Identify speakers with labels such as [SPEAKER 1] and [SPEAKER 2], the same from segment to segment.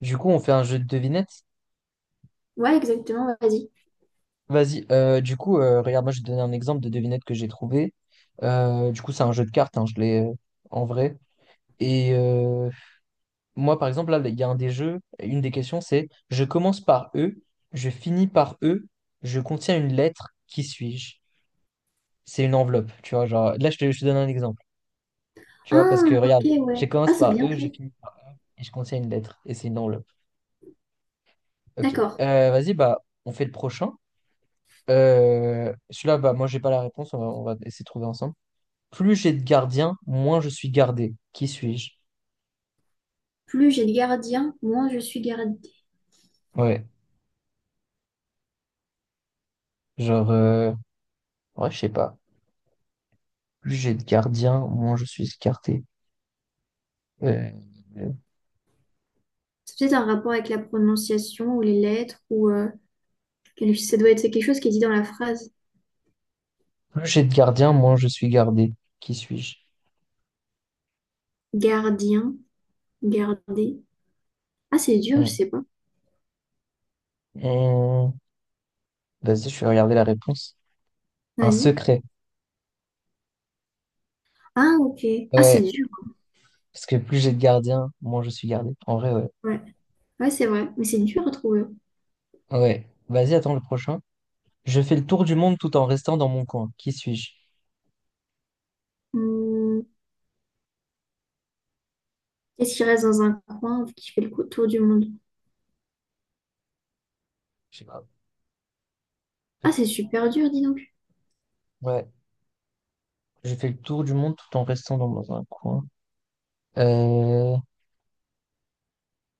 [SPEAKER 1] Du coup, on fait un jeu de devinettes.
[SPEAKER 2] Ouais, exactement, vas-y.
[SPEAKER 1] Vas-y, du coup, regarde, moi je vais te donner un exemple de devinette que j'ai trouvé. Du coup, c'est un jeu de cartes, hein, je l'ai en vrai. Et moi, par exemple, là, il y a un des jeux, une des questions, c'est je commence par E, je finis par E, je contiens une lettre, qui suis-je? C'est une enveloppe, tu vois, genre, là, je te donne un exemple, tu vois, parce
[SPEAKER 2] Ah,
[SPEAKER 1] que
[SPEAKER 2] ok,
[SPEAKER 1] regarde, je
[SPEAKER 2] ouais. Ah,
[SPEAKER 1] commence
[SPEAKER 2] c'est
[SPEAKER 1] par
[SPEAKER 2] bien
[SPEAKER 1] E, je
[SPEAKER 2] fait.
[SPEAKER 1] finis par E, et je contiens une lettre, et c'est une enveloppe. Ok.
[SPEAKER 2] D'accord.
[SPEAKER 1] Vas-y, bah, on fait le prochain. Celui-là, bah, moi, j'ai pas la réponse. On va essayer de trouver ensemble. Plus j'ai de gardiens, moins je suis gardé. Qui suis-je?
[SPEAKER 2] Plus j'ai de gardiens, moins je suis gardée.
[SPEAKER 1] Ouais. Genre, ouais, je sais pas. Plus j'ai de gardiens, moins je suis gardé. Euh,
[SPEAKER 2] C'est peut-être un rapport avec la prononciation ou les lettres ou quel- ça doit être quelque chose qui est dit dans la phrase.
[SPEAKER 1] plus j'ai de gardiens, moins je suis gardé. Qui suis-je?
[SPEAKER 2] Gardien, garder. Ah, c'est dur, je
[SPEAKER 1] Hum,
[SPEAKER 2] sais pas.
[SPEAKER 1] hum. Vas-y, je vais regarder la réponse. Un
[SPEAKER 2] Vas-y.
[SPEAKER 1] secret.
[SPEAKER 2] Ah, ok. Ah, c'est
[SPEAKER 1] Ouais.
[SPEAKER 2] dur.
[SPEAKER 1] Parce que plus j'ai de gardiens, moins je suis gardé. En vrai, ouais.
[SPEAKER 2] Ouais, ouais, c'est vrai. Mais c'est dur à trouver.
[SPEAKER 1] Ouais. Vas-y, attends le prochain. Je fais le tour du monde tout en restant dans mon coin. Qui suis-je?
[SPEAKER 2] Hum. Qu'est-ce qui reste dans un coin qui fait le cou- tour du monde?
[SPEAKER 1] Je sais pas.
[SPEAKER 2] Ah, c'est super dur, dis donc.
[SPEAKER 1] Ouais. J'ai fait le tour du monde tout en restant dans un coin. Euh,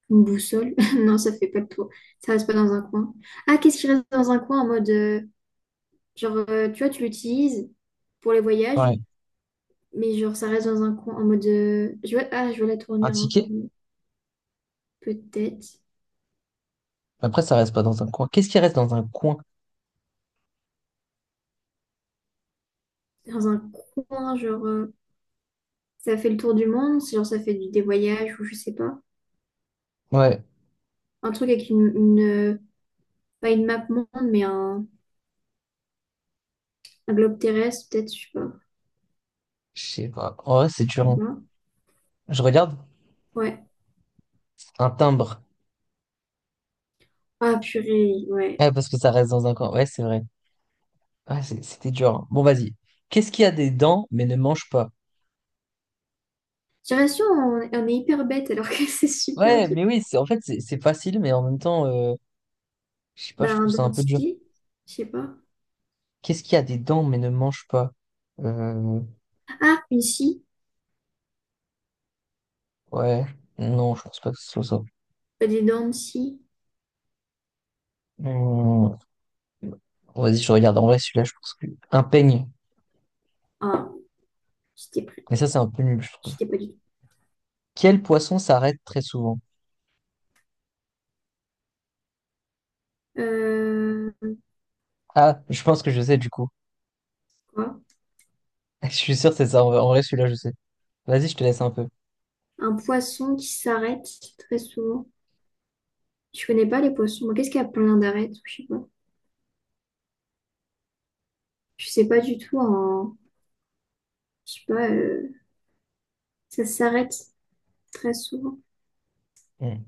[SPEAKER 2] Une boussole? Non, ça fait pas de tour. Ça reste pas dans un coin. Ah, qu'est-ce qui reste dans un coin en mode, genre, tu vois, tu l'utilises pour les voyages,
[SPEAKER 1] ouais,
[SPEAKER 2] mais genre, ça reste dans un coin en mode, je vois, ah, je vois la
[SPEAKER 1] un
[SPEAKER 2] tournure un
[SPEAKER 1] ticket?
[SPEAKER 2] peu. Peut-être.
[SPEAKER 1] Après, ça reste pas dans un coin. Qu'est-ce qui reste dans un coin?
[SPEAKER 2] Dans un coin, genre. Ça fait le tour du monde, c'est genre, ça fait du- des voyages ou je sais pas.
[SPEAKER 1] Ouais,
[SPEAKER 2] Un truc avec une pas une map monde, mais un globe terrestre, peut-être, je sais pas.
[SPEAKER 1] je sais pas. En vrai, c'est dur, hein.
[SPEAKER 2] Voilà.
[SPEAKER 1] Je regarde
[SPEAKER 2] Ouais.
[SPEAKER 1] un timbre.
[SPEAKER 2] Ah, purée, ouais.
[SPEAKER 1] Ouais, parce que ça reste dans un coin. Ouais, c'est vrai. Ouais, c'était dur, hein. Bon, vas-y. Qu'est-ce qui a des dents mais ne mange pas?
[SPEAKER 2] J'ai l'impression on est hyper bête alors que c'est super
[SPEAKER 1] Ouais,
[SPEAKER 2] dur.
[SPEAKER 1] mais oui, c'est en fait, c'est facile, mais en même temps, je sais pas,
[SPEAKER 2] Bah,
[SPEAKER 1] je
[SPEAKER 2] un
[SPEAKER 1] trouve ça un peu dur.
[SPEAKER 2] dentier, je sais pas.
[SPEAKER 1] Qu'est-ce qui a des dents mais ne mange pas? Euh,
[SPEAKER 2] Ah, une scie,
[SPEAKER 1] ouais, non, je pense pas que ce soit ça.
[SPEAKER 2] pas des dents de scie.
[SPEAKER 1] Hmm. Bon, vas-y, je regarde. En vrai, celui-là, je pense que... Un peigne.
[SPEAKER 2] Ah, j'étais prêt,
[SPEAKER 1] Mais ça, c'est un peu nul, je trouve.
[SPEAKER 2] j'étais pas du tout.
[SPEAKER 1] Quel poisson s'arrête très souvent?
[SPEAKER 2] Euh,
[SPEAKER 1] Ah, je pense que je sais, du coup.
[SPEAKER 2] quoi?
[SPEAKER 1] Je suis sûr que c'est ça. En vrai, celui-là, je sais. Vas-y, je te laisse un peu.
[SPEAKER 2] Un poisson qui s'arrête très souvent. Je connais pas les poissons. Moi, qu'est-ce qu'il y a plein d'arêtes? Je sais pas. Je sais pas du tout. En... Je sais pas, ça s'arrête très souvent.
[SPEAKER 1] Hmm.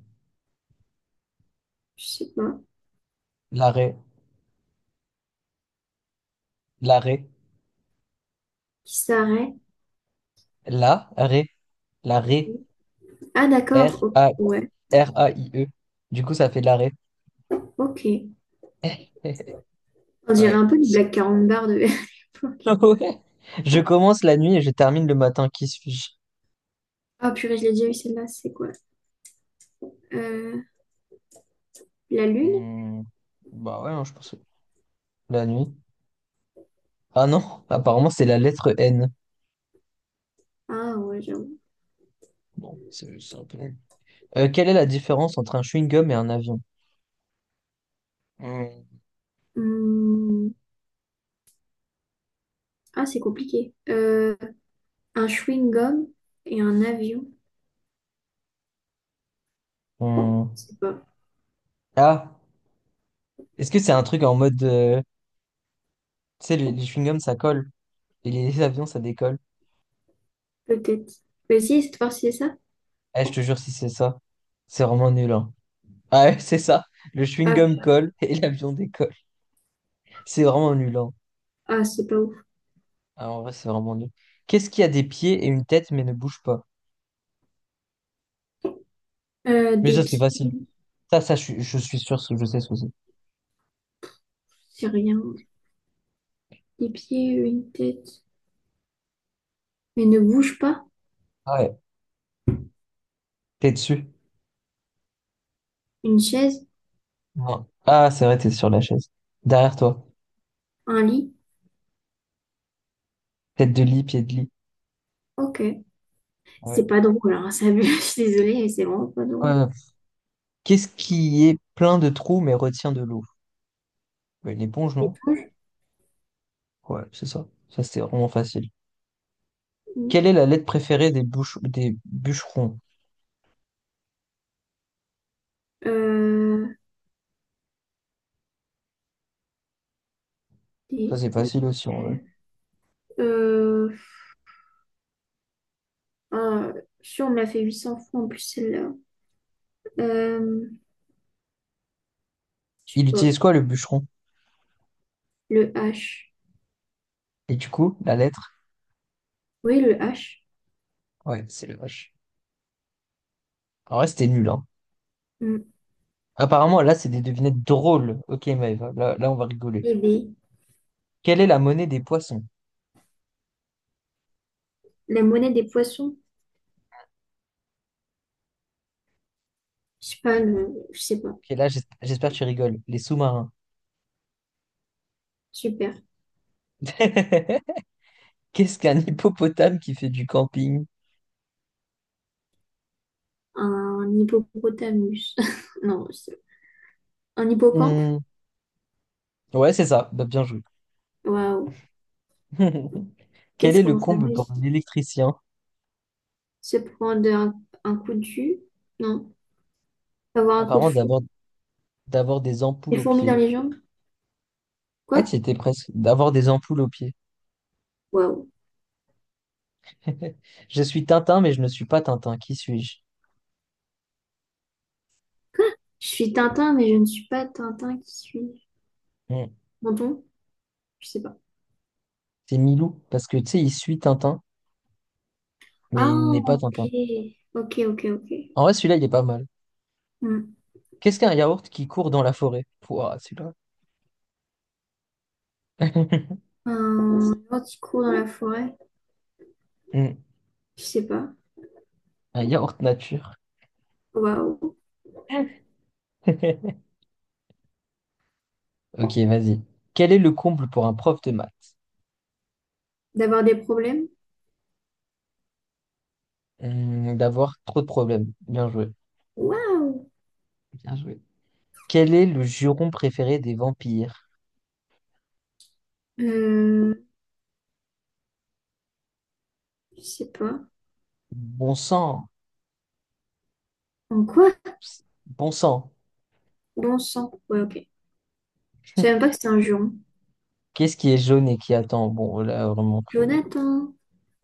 [SPEAKER 2] Je sais pas.
[SPEAKER 1] L'arrêt. L'arrêt.
[SPEAKER 2] Qui s'arrête.
[SPEAKER 1] La. Ré. La. Ré.
[SPEAKER 2] Ah,
[SPEAKER 1] R.
[SPEAKER 2] d'accord. Oh,
[SPEAKER 1] A.
[SPEAKER 2] ouais.
[SPEAKER 1] R-A-I-E. Du coup, ça fait de l'arrêt.
[SPEAKER 2] Ok. On dirait
[SPEAKER 1] Ouais.
[SPEAKER 2] un peu du Black Carambar de l'époque.
[SPEAKER 1] Ouais. Je commence la nuit et je termine le matin. Qui suis-je?
[SPEAKER 2] Ah, purée, je l'ai déjà eu celle-là. C'est quoi? Euh, la lune?
[SPEAKER 1] Hmm. Bah ouais, hein, je pense que la nuit. Ah non, apparemment c'est la lettre N.
[SPEAKER 2] Ah, ouais, j'avoue.
[SPEAKER 1] Bon, c'est un peu nul. Quelle est la différence entre un chewing-gum et un avion? Hmm,
[SPEAKER 2] Hmm. Ah, c'est compliqué. Un chewing-gum et un avion.
[SPEAKER 1] hmm.
[SPEAKER 2] Je sais pas.
[SPEAKER 1] Ah, est-ce que c'est un truc en mode... Tu sais, les chewing-gums, ça colle. Et les avions, ça décolle.
[SPEAKER 2] Peut-être. Mais si, cette fois-ci, c'est ça?
[SPEAKER 1] Eh, je te jure, si c'est ça, c'est vraiment nul, hein. Ah ouais, c'est ça. Le
[SPEAKER 2] Ah,
[SPEAKER 1] chewing-gum
[SPEAKER 2] p-
[SPEAKER 1] colle et l'avion décolle. C'est vraiment nul, hein.
[SPEAKER 2] ah, c'est pas ouf.
[SPEAKER 1] Ah, en vrai, c'est vraiment nul. Qu'est-ce qui a des pieds et une tête mais ne bouge pas? Mais
[SPEAKER 2] Des
[SPEAKER 1] ça, c'est
[SPEAKER 2] pieds.
[SPEAKER 1] facile. Ça, je suis sûr que je sais ce que c'est.
[SPEAKER 2] C'est rien. Des pieds, une tête. Mais ne bouge pas.
[SPEAKER 1] Ah ouais. T'es dessus?
[SPEAKER 2] Une chaise.
[SPEAKER 1] Non. Ah, c'est vrai, t'es sur la chaise. Derrière toi.
[SPEAKER 2] Un lit.
[SPEAKER 1] Tête de lit, pied de lit.
[SPEAKER 2] Ok. C'est
[SPEAKER 1] Ouais.
[SPEAKER 2] pas drôle, hein, ça. Je suis désolée, mais c'est vraiment pas
[SPEAKER 1] Ouais,
[SPEAKER 2] drôle.
[SPEAKER 1] ouais. Qu'est-ce qui est plein de trous mais retient de l'eau? Ouais, une éponge, non? Ouais, c'est ça. Ça, c'est vraiment facile. Quelle est la lettre préférée des des bûcherons?
[SPEAKER 2] Euh,
[SPEAKER 1] Ça,
[SPEAKER 2] des-
[SPEAKER 1] c'est facile aussi, en vrai.
[SPEAKER 2] euh, euh, ah, si on me l'a fait 800 fois en plus, celle-là. Euh, je sais
[SPEAKER 1] Il
[SPEAKER 2] pas.
[SPEAKER 1] utilise quoi, le bûcheron?
[SPEAKER 2] Le H.
[SPEAKER 1] Et du coup, la lettre?
[SPEAKER 2] Oui, le H.
[SPEAKER 1] Ouais, c'est le vache. En vrai, c'était nul, hein.
[SPEAKER 2] Mm.
[SPEAKER 1] Apparemment, là, c'est des devinettes drôles. Ok, Maëva, là, on va rigoler.
[SPEAKER 2] Les baies.
[SPEAKER 1] Quelle est la monnaie des poissons?
[SPEAKER 2] La monnaie des poissons. Je sais pas, le... je sais pas.
[SPEAKER 1] Ok, là, j'espère que tu rigoles. Les sous-marins.
[SPEAKER 2] Super.
[SPEAKER 1] Qu'est-ce qu'un hippopotame qui fait du camping?
[SPEAKER 2] Un hippopotamus. Non, c'est- un hippocampe.
[SPEAKER 1] Hmm. Ouais, c'est ça. Bah, bien joué.
[SPEAKER 2] Waouh.
[SPEAKER 1] Quel
[SPEAKER 2] Qu'est-ce
[SPEAKER 1] est le
[SPEAKER 2] qu'on
[SPEAKER 1] comble pour
[SPEAKER 2] s'amuse.
[SPEAKER 1] un électricien?
[SPEAKER 2] Se prendre un coup de jus. Non. Avoir un coup de
[SPEAKER 1] Apparemment,
[SPEAKER 2] fou.
[SPEAKER 1] d'avoir des
[SPEAKER 2] Des
[SPEAKER 1] ampoules aux
[SPEAKER 2] fourmis dans
[SPEAKER 1] pieds.
[SPEAKER 2] les jambes.
[SPEAKER 1] Ouais,
[SPEAKER 2] Quoi?
[SPEAKER 1] tu y étais presque. D'avoir des ampoules aux pieds.
[SPEAKER 2] Waouh.
[SPEAKER 1] Je suis Tintin, mais je ne suis pas Tintin. Qui suis-je?
[SPEAKER 2] Quoi? Je suis Tintin, mais je ne suis pas Tintin qui suis.
[SPEAKER 1] Hmm.
[SPEAKER 2] Menton? Je sais pas.
[SPEAKER 1] C'est Milou, parce que tu sais, il suit Tintin,
[SPEAKER 2] Ah,
[SPEAKER 1] mais il n'est pas
[SPEAKER 2] ok.
[SPEAKER 1] Tintin.
[SPEAKER 2] Ok, ok, ok.
[SPEAKER 1] En vrai, celui-là, il est pas mal.
[SPEAKER 2] Hmm.
[SPEAKER 1] Qu'est-ce qu'un yaourt qui court dans la forêt? Pouah, celui-là.
[SPEAKER 2] Un gentil coup dans la forêt.
[SPEAKER 1] Hmm.
[SPEAKER 2] Je sais pas.
[SPEAKER 1] Un yaourt nature.
[SPEAKER 2] Waouh.
[SPEAKER 1] Ok, vas-y. Quel est le comble pour un prof de maths?
[SPEAKER 2] D'avoir des problèmes?
[SPEAKER 1] Hmm. D'avoir trop de problèmes. Bien joué.
[SPEAKER 2] Waouh!
[SPEAKER 1] Bien joué. Quel est le juron préféré des vampires?
[SPEAKER 2] Euh, je sais pas.
[SPEAKER 1] Bon sang.
[SPEAKER 2] En quoi?
[SPEAKER 1] Bon sang.
[SPEAKER 2] Bon sang. Ouais, ok. Je savais même pas que c'était un juron.
[SPEAKER 1] Qu'est-ce qui est jaune et qui attend? Bon, là, vraiment. Frère.
[SPEAKER 2] Jonathan,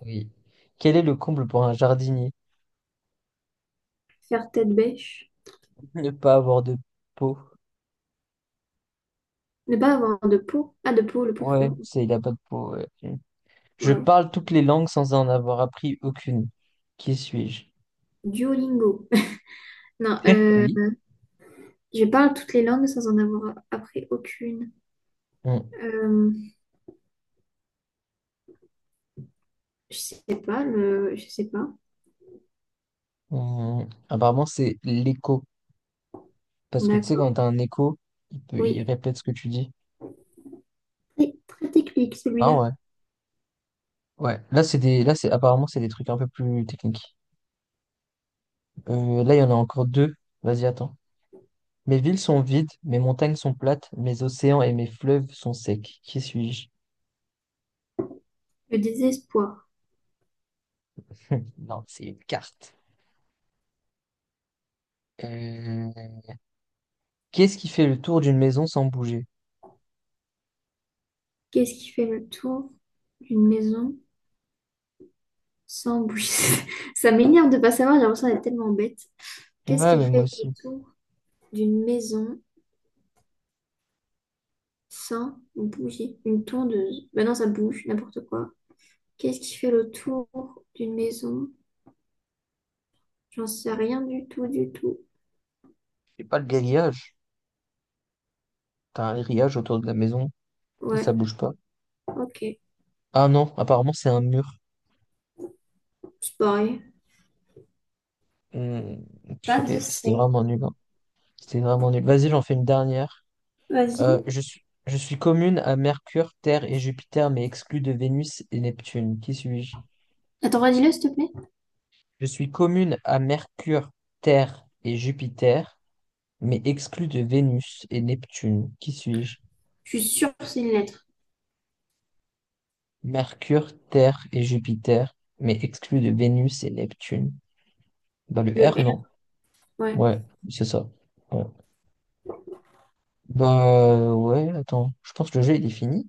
[SPEAKER 1] Oui. Quel est le comble pour un jardinier?
[SPEAKER 2] faire tête bêche.
[SPEAKER 1] Ne pas avoir de peau.
[SPEAKER 2] Ne pas avoir de peau. Ah, de peau, le pot de
[SPEAKER 1] Ouais,
[SPEAKER 2] fleurs.
[SPEAKER 1] c'est, il a pas de peau, ouais. Hmm. Je
[SPEAKER 2] Waouh.
[SPEAKER 1] parle toutes les langues sans en avoir appris aucune. Qui suis-je?
[SPEAKER 2] Duolingo. Non, euh,
[SPEAKER 1] Oui.
[SPEAKER 2] je parle toutes les langues sans en avoir appris aucune.
[SPEAKER 1] Hmm,
[SPEAKER 2] Euh, je sais pas, le... je sais pas.
[SPEAKER 1] hmm. Apparemment, c'est l'écho. Parce que tu sais,
[SPEAKER 2] D'accord.
[SPEAKER 1] quand t'as un écho, il peut, il
[SPEAKER 2] Oui.
[SPEAKER 1] répète ce que tu dis.
[SPEAKER 2] Très, très technique,
[SPEAKER 1] Ah
[SPEAKER 2] celui-là.
[SPEAKER 1] ouais. Ouais. Là, c'est, apparemment, c'est des trucs un peu plus techniques. Là, il y en a encore deux. Vas-y, attends. Mes villes sont vides, mes montagnes sont plates, mes océans et mes fleuves sont secs. Qui suis-je?
[SPEAKER 2] Le désespoir.
[SPEAKER 1] Non, c'est une carte. Euh, Qu'est-ce qui fait le tour d'une maison sans bouger?
[SPEAKER 2] Qu'est-ce qui fait le tour d'une maison? Sans bruit. Ça m'énerve de pas savoir, j'ai l'impression d'être tellement bête. Qu'est-ce
[SPEAKER 1] Ouais,
[SPEAKER 2] qui
[SPEAKER 1] mais moi
[SPEAKER 2] fait le
[SPEAKER 1] aussi.
[SPEAKER 2] tour d'une maison sans bouger? Une tondeuse. Ben non, ça bouge, n'importe quoi. Qu'est-ce qui fait le tour d'une maison? J'en sais rien du tout, du tout.
[SPEAKER 1] C'est pas le grillage. T'as un grillage autour de la maison et
[SPEAKER 2] Ouais,
[SPEAKER 1] ça bouge pas.
[SPEAKER 2] ok.
[SPEAKER 1] Ah non, apparemment c'est un mur.
[SPEAKER 2] C'est pareil.
[SPEAKER 1] Hmm,
[SPEAKER 2] Pas de
[SPEAKER 1] purée, c'était
[SPEAKER 2] C.
[SPEAKER 1] vraiment nul, hein. C'était vraiment nul. Vas-y, j'en fais une dernière.
[SPEAKER 2] Vas-y.
[SPEAKER 1] Je suis commune à Mercure, Terre et Jupiter, mais exclue de Vénus et Neptune. Qui suis-je?
[SPEAKER 2] Attends, redis-le, s'il te plaît.
[SPEAKER 1] Je suis commune à Mercure, Terre et Jupiter, mais exclue de Vénus et Neptune. Qui suis-je?
[SPEAKER 2] Je suis sûre que c'est une lettre.
[SPEAKER 1] Mercure, Terre et Jupiter, mais exclue de Vénus et Neptune. Dans le
[SPEAKER 2] Le
[SPEAKER 1] R,
[SPEAKER 2] R,
[SPEAKER 1] non?
[SPEAKER 2] ouais.
[SPEAKER 1] Ouais, c'est ça. Ouais. Bah ouais, attends, je pense que le jeu il est fini.